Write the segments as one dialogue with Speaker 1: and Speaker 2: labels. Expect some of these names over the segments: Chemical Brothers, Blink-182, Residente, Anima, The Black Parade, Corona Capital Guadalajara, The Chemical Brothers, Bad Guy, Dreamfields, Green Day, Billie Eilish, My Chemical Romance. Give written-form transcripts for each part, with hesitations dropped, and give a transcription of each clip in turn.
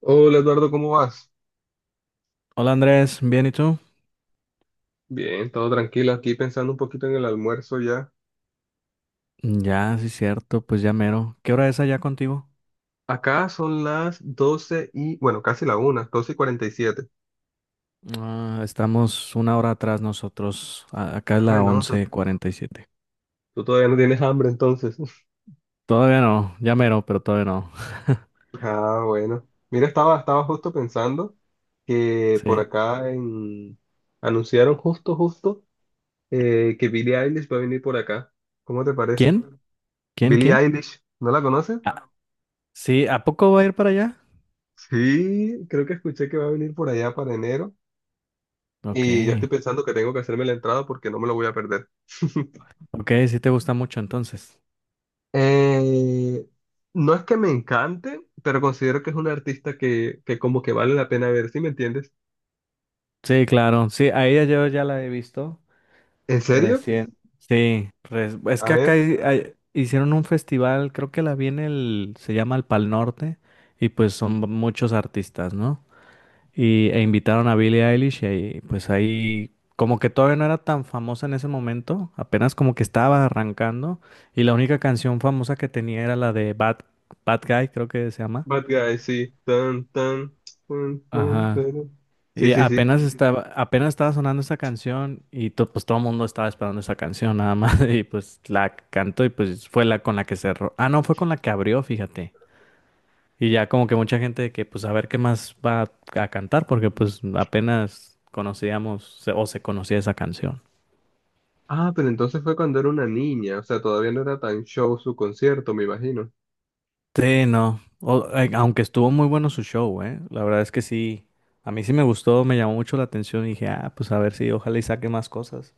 Speaker 1: Hola Eduardo, ¿cómo vas?
Speaker 2: Hola Andrés, ¿bien y tú?
Speaker 1: Bien, todo tranquilo aquí pensando un poquito en el almuerzo ya.
Speaker 2: Ya, sí, cierto, pues ya mero. ¿Qué hora es allá contigo?
Speaker 1: Acá son las 12 y, bueno, casi la una, 12 y 47.
Speaker 2: Ah, estamos una hora atrás nosotros. Acá es
Speaker 1: Ah,
Speaker 2: la
Speaker 1: no, tú,
Speaker 2: 11:47.
Speaker 1: tú todavía no tienes hambre entonces.
Speaker 2: Todavía no, ya mero, pero todavía no.
Speaker 1: Ah, bueno. Mira, estaba justo pensando que por
Speaker 2: Sí.
Speaker 1: acá en... anunciaron justo que Billie Eilish va a venir por acá. ¿Cómo te parece?
Speaker 2: ¿Quién? ¿Quién?
Speaker 1: Billie
Speaker 2: ¿Quién?
Speaker 1: Eilish, ¿no la conoces?
Speaker 2: Ah, sí, ¿a poco va a ir para allá?
Speaker 1: Sí, creo que escuché que va a venir por allá para enero.
Speaker 2: Ok.
Speaker 1: Y ya estoy pensando que tengo que hacerme la entrada porque no me lo voy a perder.
Speaker 2: Ok, sí te gusta mucho entonces.
Speaker 1: Eh, no es que me encante, pero considero que es un artista que como que vale la pena ver, ¿sí me entiendes?
Speaker 2: Sí, claro. Sí, a ella yo ya la he visto.
Speaker 1: ¿En serio?
Speaker 2: Recién, sí, es
Speaker 1: A
Speaker 2: que acá
Speaker 1: ver,
Speaker 2: hicieron un festival, creo que la viene el, se llama el Pal Norte, y pues son muchos artistas, ¿no? E invitaron a Billie Eilish y ahí, pues ahí, como que todavía no era tan famosa en ese momento, apenas como que estaba arrancando, y la única canción famosa que tenía era la de Bad, Bad Guy, creo que se llama.
Speaker 1: Bad Guy, sí. Tan, tan, tan, tan,
Speaker 2: Ajá.
Speaker 1: tan. Sí,
Speaker 2: Y
Speaker 1: sí, sí.
Speaker 2: apenas estaba sonando esa canción y pues todo el mundo estaba esperando esa canción nada más y pues la cantó y pues fue la con la que cerró. Ah, no, fue con la que abrió, fíjate. Y ya como que mucha gente de que pues a ver qué más va a, cantar porque pues apenas conocíamos o se conocía esa canción.
Speaker 1: Ah, pero entonces fue cuando era una niña, o sea, todavía no era tan show su concierto, me imagino.
Speaker 2: Sí, no. Aunque estuvo muy bueno su show, ¿eh? La verdad es que sí. A mí sí me gustó, me llamó mucho la atención y dije, ah, pues a ver si ojalá y saque más cosas.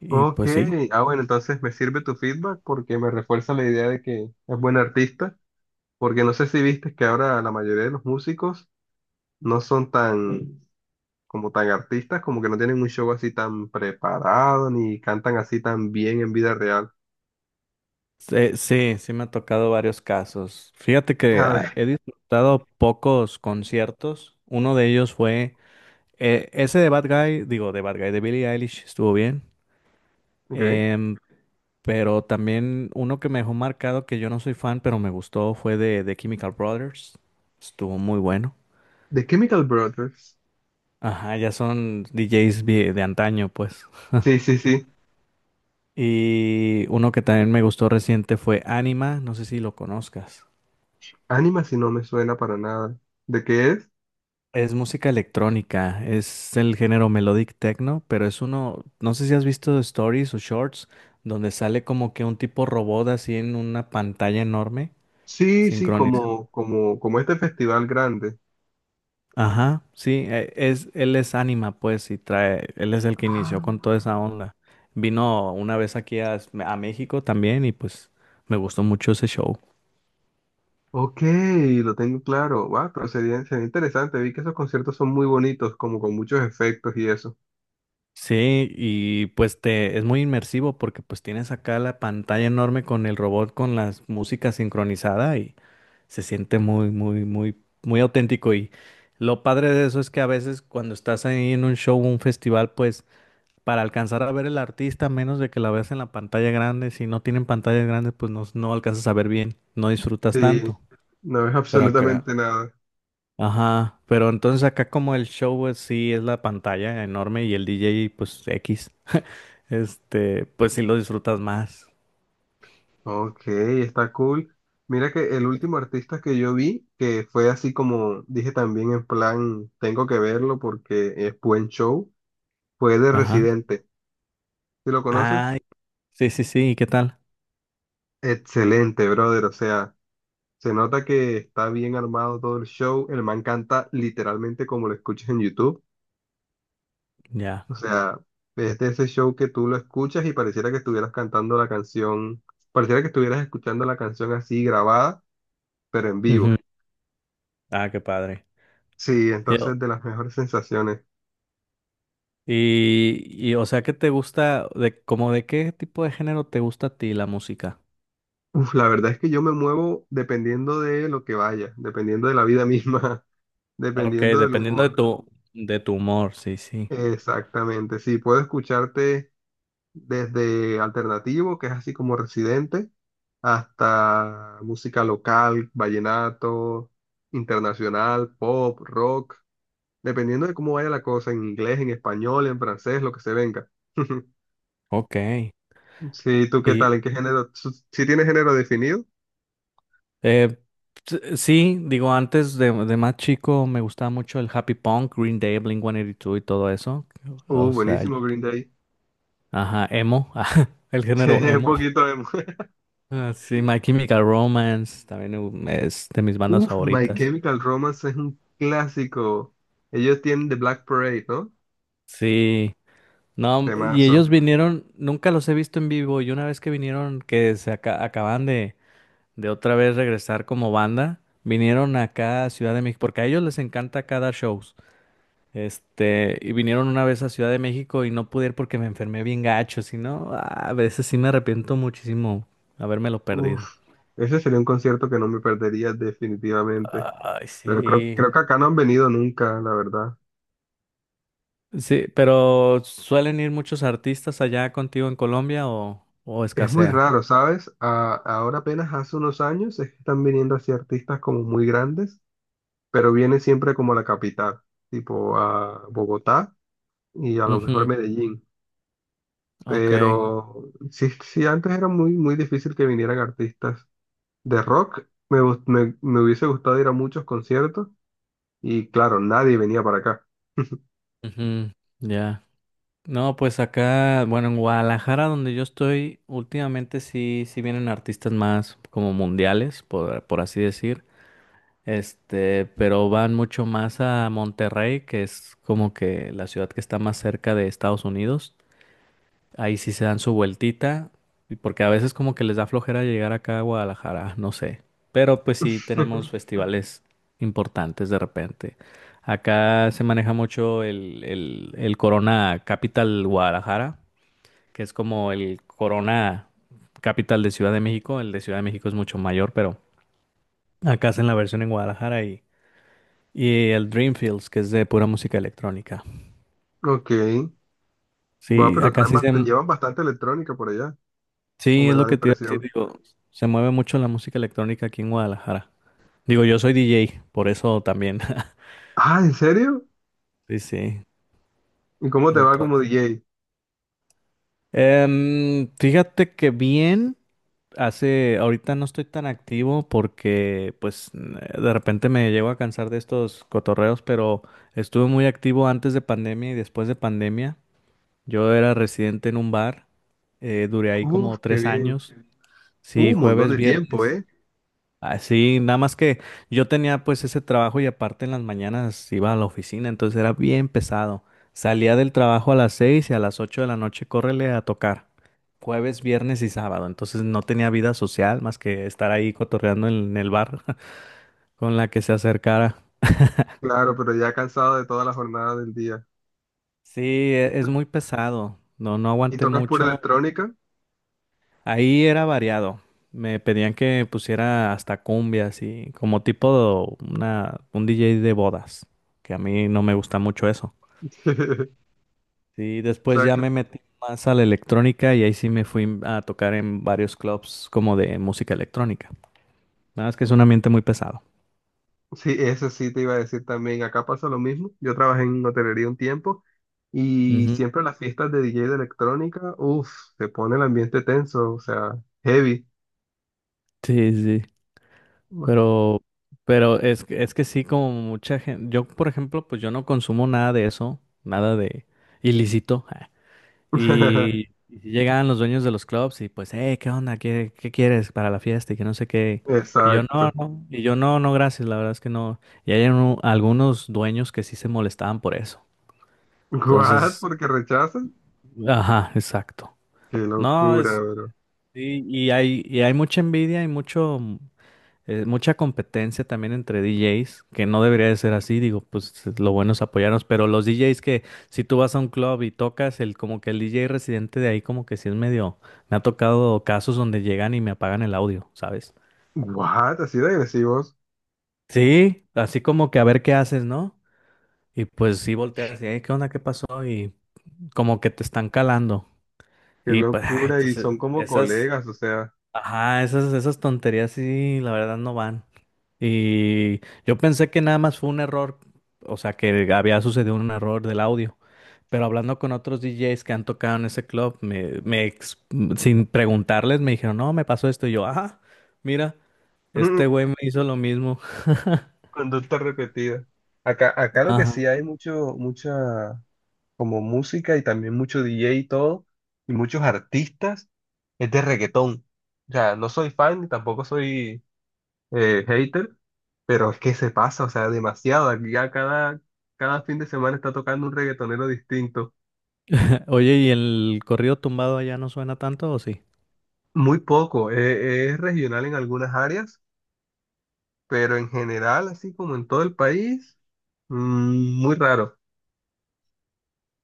Speaker 2: Y
Speaker 1: Ok,
Speaker 2: pues sí.
Speaker 1: ah, bueno, entonces me sirve tu feedback porque me refuerza la idea de que es buen artista. Porque no sé si viste que ahora la mayoría de los músicos no son tan, como tan artistas, como que no tienen un show así tan preparado, ni cantan así tan bien en vida real.
Speaker 2: Sí, sí, sí, me ha tocado varios casos. Fíjate que
Speaker 1: A ver,
Speaker 2: he disfrutado pocos conciertos. Uno de ellos fue ese de Bad Guy, digo, de Bad Guy, de Billie Eilish, estuvo bien.
Speaker 1: ok.
Speaker 2: Em, pero también uno que me dejó marcado, que yo no soy fan, pero me gustó, fue de Chemical Brothers. Estuvo muy bueno.
Speaker 1: The Chemical Brothers.
Speaker 2: Ajá, ya son DJs de antaño, pues.
Speaker 1: Sí, sí, sí.
Speaker 2: Y uno que también me gustó reciente fue Anima, no sé si lo conozcas.
Speaker 1: Anima si no me suena para nada. ¿De qué es?
Speaker 2: Es música electrónica, es el género melodic techno, pero es uno, no sé si has visto stories o shorts, donde sale como que un tipo robot así en una pantalla enorme,
Speaker 1: Sí, sí,
Speaker 2: sincronizado.
Speaker 1: como, como, como este festival grande.
Speaker 2: Ajá, sí, es, él es Anima, pues, y trae, él es el que inició
Speaker 1: Ah,
Speaker 2: con toda esa onda. Vino una vez aquí a México también y pues me gustó mucho ese show.
Speaker 1: ok, lo tengo claro. Wow, pero sería interesante. Vi que esos conciertos son muy bonitos, como con muchos efectos y eso.
Speaker 2: Sí, y pues te es muy inmersivo porque pues tienes acá la pantalla enorme con el robot con la música sincronizada y se siente muy, muy, muy, muy auténtico. Y lo padre de eso es que a veces cuando estás ahí en un show, un festival, pues para alcanzar a ver el artista, a menos de que la veas en la pantalla grande, si no tienen pantallas grandes, pues no, no alcanzas a ver bien, no disfrutas
Speaker 1: Sí,
Speaker 2: tanto.
Speaker 1: no ves
Speaker 2: Pero acá,
Speaker 1: absolutamente nada.
Speaker 2: ajá, pero entonces acá como el show, pues sí, es la pantalla enorme y el DJ, pues X. Este, pues sí lo disfrutas más.
Speaker 1: Ok, está cool. Mira que el último artista que yo vi, que fue así como dije también en plan, tengo que verlo porque es buen show, fue de
Speaker 2: Ajá.
Speaker 1: Residente. ¿Sí lo conoces?
Speaker 2: Ay, sí, sí, sí, ¿y qué tal?
Speaker 1: Excelente, brother. O sea, se nota que está bien armado todo el show. El man canta literalmente como lo escuchas en YouTube.
Speaker 2: Ya.
Speaker 1: O sea, es de ese show que tú lo escuchas y pareciera que estuvieras cantando la canción, pareciera que estuvieras escuchando la canción así grabada pero en
Speaker 2: Ujú.
Speaker 1: vivo.
Speaker 2: Ah, qué padre.
Speaker 1: Sí,
Speaker 2: Yo-
Speaker 1: entonces de las mejores sensaciones.
Speaker 2: Y, y, o sea, ¿qué te gusta de como de qué tipo de género te gusta a ti la música?
Speaker 1: Uf, la verdad es que yo me muevo dependiendo de lo que vaya, dependiendo de la vida misma,
Speaker 2: Ok,
Speaker 1: dependiendo del
Speaker 2: dependiendo
Speaker 1: humor.
Speaker 2: de tu humor, sí, sí.
Speaker 1: Exactamente, sí, puedo escucharte desde alternativo, que es así como residente, hasta música local, vallenato, internacional, pop, rock, dependiendo de cómo vaya la cosa, en inglés, en español, en francés, lo que se venga.
Speaker 2: Ok.
Speaker 1: Sí, ¿tú qué
Speaker 2: Y
Speaker 1: tal? ¿En qué género? ¿Sí tienes género definido?
Speaker 2: eh, sí, digo, de más chico me gustaba mucho el happy punk, Green Day, Blink-182 y dos y todo eso. O sea,
Speaker 1: Buenísimo Green Day.
Speaker 2: ajá, emo, el
Speaker 1: Sí,
Speaker 2: género
Speaker 1: un
Speaker 2: emo.
Speaker 1: poquito de...
Speaker 2: Ah, sí, My Chemical Romance también es de mis bandas
Speaker 1: Uf, My
Speaker 2: favoritas.
Speaker 1: Chemical Romance es un clásico. Ellos tienen The Black Parade, ¿no?
Speaker 2: Sí, no, y
Speaker 1: Temazo.
Speaker 2: ellos vinieron, nunca los he visto en vivo y una vez que vinieron, que se acaban de otra vez regresar como banda, vinieron acá a Ciudad de México, porque a ellos les encanta acá dar shows. Este, y vinieron una vez a Ciudad de México y no pude ir porque me enfermé bien gacho, si no, ah, a veces sí me arrepiento muchísimo habérmelo
Speaker 1: Uf,
Speaker 2: perdido.
Speaker 1: ese sería un concierto que no me perdería definitivamente.
Speaker 2: Ay,
Speaker 1: Pero creo,
Speaker 2: sí.
Speaker 1: creo que acá no han venido nunca, la verdad.
Speaker 2: Sí, pero ¿suelen ir muchos artistas allá contigo en Colombia o
Speaker 1: Es muy
Speaker 2: escasea?
Speaker 1: raro, ¿sabes? Ahora apenas hace unos años es que están viniendo así artistas como muy grandes, pero viene siempre como a la capital, tipo a Bogotá y a lo mejor
Speaker 2: Ujú,
Speaker 1: Medellín.
Speaker 2: ok,
Speaker 1: Pero sí, sí, antes era muy, muy difícil que vinieran artistas de rock. Me hubiese gustado ir a muchos conciertos y claro, nadie venía para acá.
Speaker 2: ujú, ya. No, pues acá, bueno, en Guadalajara, donde yo estoy, últimamente sí, sí vienen artistas más como mundiales, por así decir, este, pero van mucho más a Monterrey, que es como que la ciudad que está más cerca de Estados Unidos. Ahí sí se dan su vueltita, y porque a veces como que les da flojera llegar acá a Guadalajara, no sé. Pero pues sí tenemos festivales importantes de repente. Acá se maneja mucho el Corona Capital Guadalajara, que es como el Corona Capital de Ciudad de México. El de Ciudad de México es mucho mayor, pero acá hacen la versión en Guadalajara y el Dreamfields, que es de pura música electrónica.
Speaker 1: Ok, va,
Speaker 2: Sí,
Speaker 1: pero
Speaker 2: acá
Speaker 1: traen
Speaker 2: sí se,
Speaker 1: llevan bastante electrónica por allá, o
Speaker 2: Sí,
Speaker 1: me
Speaker 2: es
Speaker 1: da
Speaker 2: lo
Speaker 1: la
Speaker 2: que te iba a decir,
Speaker 1: impresión.
Speaker 2: digo, se mueve mucho la música electrónica aquí en Guadalajara. Digo, yo soy DJ, por eso también.
Speaker 1: Ah, ¿en serio?
Speaker 2: Sí, sí.
Speaker 1: ¿Y cómo te va como
Speaker 2: Entonces,
Speaker 1: DJ?
Speaker 2: fíjate que bien, hace, ahorita no estoy tan activo porque pues de repente me llego a cansar de estos cotorreos, pero estuve muy activo antes de pandemia y después de pandemia. Yo era residente en un bar, duré ahí
Speaker 1: Uf,
Speaker 2: como
Speaker 1: qué
Speaker 2: tres
Speaker 1: bien.
Speaker 2: años. Sí,
Speaker 1: Un montón
Speaker 2: jueves,
Speaker 1: de tiempo,
Speaker 2: viernes.
Speaker 1: ¿eh?
Speaker 2: Ah, sí, nada más que yo tenía pues ese trabajo y aparte en las mañanas iba a la oficina, entonces era bien pesado. Salía del trabajo a las 6 y a las 8 de la noche córrele a tocar. Jueves, viernes y sábado. Entonces no tenía vida social más que estar ahí cotorreando en el bar con la que se acercara.
Speaker 1: Claro, pero ya cansado de toda la jornada del día.
Speaker 2: Sí, es muy pesado. No, no
Speaker 1: ¿Y
Speaker 2: aguanté
Speaker 1: tocas pura
Speaker 2: mucho.
Speaker 1: electrónica?
Speaker 2: Ahí era variado. Me pedían que pusiera hasta cumbias y como tipo un DJ de bodas, que a mí no me gusta mucho eso. Sí,
Speaker 1: O
Speaker 2: después
Speaker 1: sea,
Speaker 2: ya me metí más a la electrónica y ahí sí me fui a tocar en varios clubs como de música electrónica. Nada más que es un ambiente muy pesado.
Speaker 1: sí, eso sí te iba a decir también. Acá pasa lo mismo. Yo trabajé en hotelería un tiempo y
Speaker 2: Ujú.
Speaker 1: siempre las fiestas de DJ de electrónica, uff, se pone el ambiente tenso, o sea, heavy.
Speaker 2: Sí, sí, pero, pero es que sí, como mucha gente, yo por ejemplo, pues yo no consumo nada de eso, nada de ilícito, Y, y si llegaban los dueños de los clubs y pues, hey, ¿qué onda? ¿Qué quieres para la fiesta? Y que no sé qué. Y yo, no,
Speaker 1: Exacto.
Speaker 2: no. Y yo, no, no, gracias. La verdad es que no. Y hay algunos dueños que sí se molestaban por eso.
Speaker 1: ¿What?
Speaker 2: Entonces,
Speaker 1: ¿Porque rechazan?
Speaker 2: ajá, exacto.
Speaker 1: Qué
Speaker 2: No,
Speaker 1: locura,
Speaker 2: es,
Speaker 1: bro.
Speaker 2: y hay mucha envidia y mucho. Mucha competencia también entre DJs, que no debería de ser así, digo, pues lo bueno es apoyarnos, pero los DJs que si tú vas a un club y tocas, el como que el DJ residente de ahí como que sí es medio, me ha tocado casos donde llegan y me apagan el audio, ¿sabes?
Speaker 1: ¿What? Así de agresivos.
Speaker 2: Sí, así como que a ver qué haces, ¿no? Y pues sí volteas y, "Ey, ¿qué onda? ¿Qué pasó? Y como que te están calando.
Speaker 1: Qué
Speaker 2: Y pues, ay,
Speaker 1: locura. Y
Speaker 2: pues,
Speaker 1: son como
Speaker 2: esas...
Speaker 1: colegas, o sea,
Speaker 2: Ajá, esas tonterías sí, la verdad no van. Y yo pensé que nada más fue un error, o sea, que había sucedido un error del audio. Pero hablando con otros DJs que han tocado en ese club, me sin preguntarles me dijeron, no, me pasó esto. Y yo, ah, mira, este güey me hizo lo mismo.
Speaker 1: conducta repetida. Acá, acá lo que
Speaker 2: Ajá.
Speaker 1: sí hay mucho, mucha como música y también mucho DJ y todo, y muchos artistas. Es de reggaetón. O sea, no soy fan, tampoco soy hater, pero es que se pasa, o sea, demasiado. Aquí ya cada fin de semana está tocando un reggaetonero distinto.
Speaker 2: Oye, ¿y el corrido tumbado allá no suena tanto o sí?
Speaker 1: Muy poco, es regional en algunas áreas, pero en general, así como en todo el país, mm, muy raro.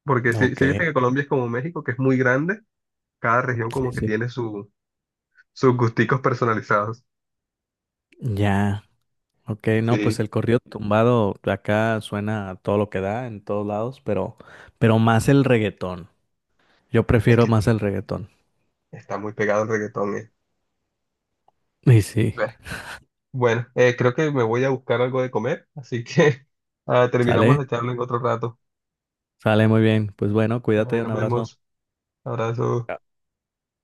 Speaker 1: Porque
Speaker 2: Ok,
Speaker 1: si viste que Colombia es como México, que es muy grande, cada región
Speaker 2: sí,
Speaker 1: como que
Speaker 2: sí.
Speaker 1: tiene sus gusticos personalizados.
Speaker 2: Ya. Ok, no, pues
Speaker 1: Sí,
Speaker 2: el corrido tumbado acá suena a todo lo que da en todos lados, pero más el reggaetón. Yo
Speaker 1: es
Speaker 2: prefiero
Speaker 1: que
Speaker 2: más el reggaetón.
Speaker 1: está muy pegado el reggaetón,
Speaker 2: Y sí,
Speaker 1: eh. Bueno, creo que me voy a buscar algo de comer, así que ah, terminamos
Speaker 2: sale,
Speaker 1: la charla en otro rato.
Speaker 2: sale muy bien. Pues bueno,
Speaker 1: Ahí
Speaker 2: cuídate, un
Speaker 1: nos
Speaker 2: abrazo.
Speaker 1: vemos. Abrazo.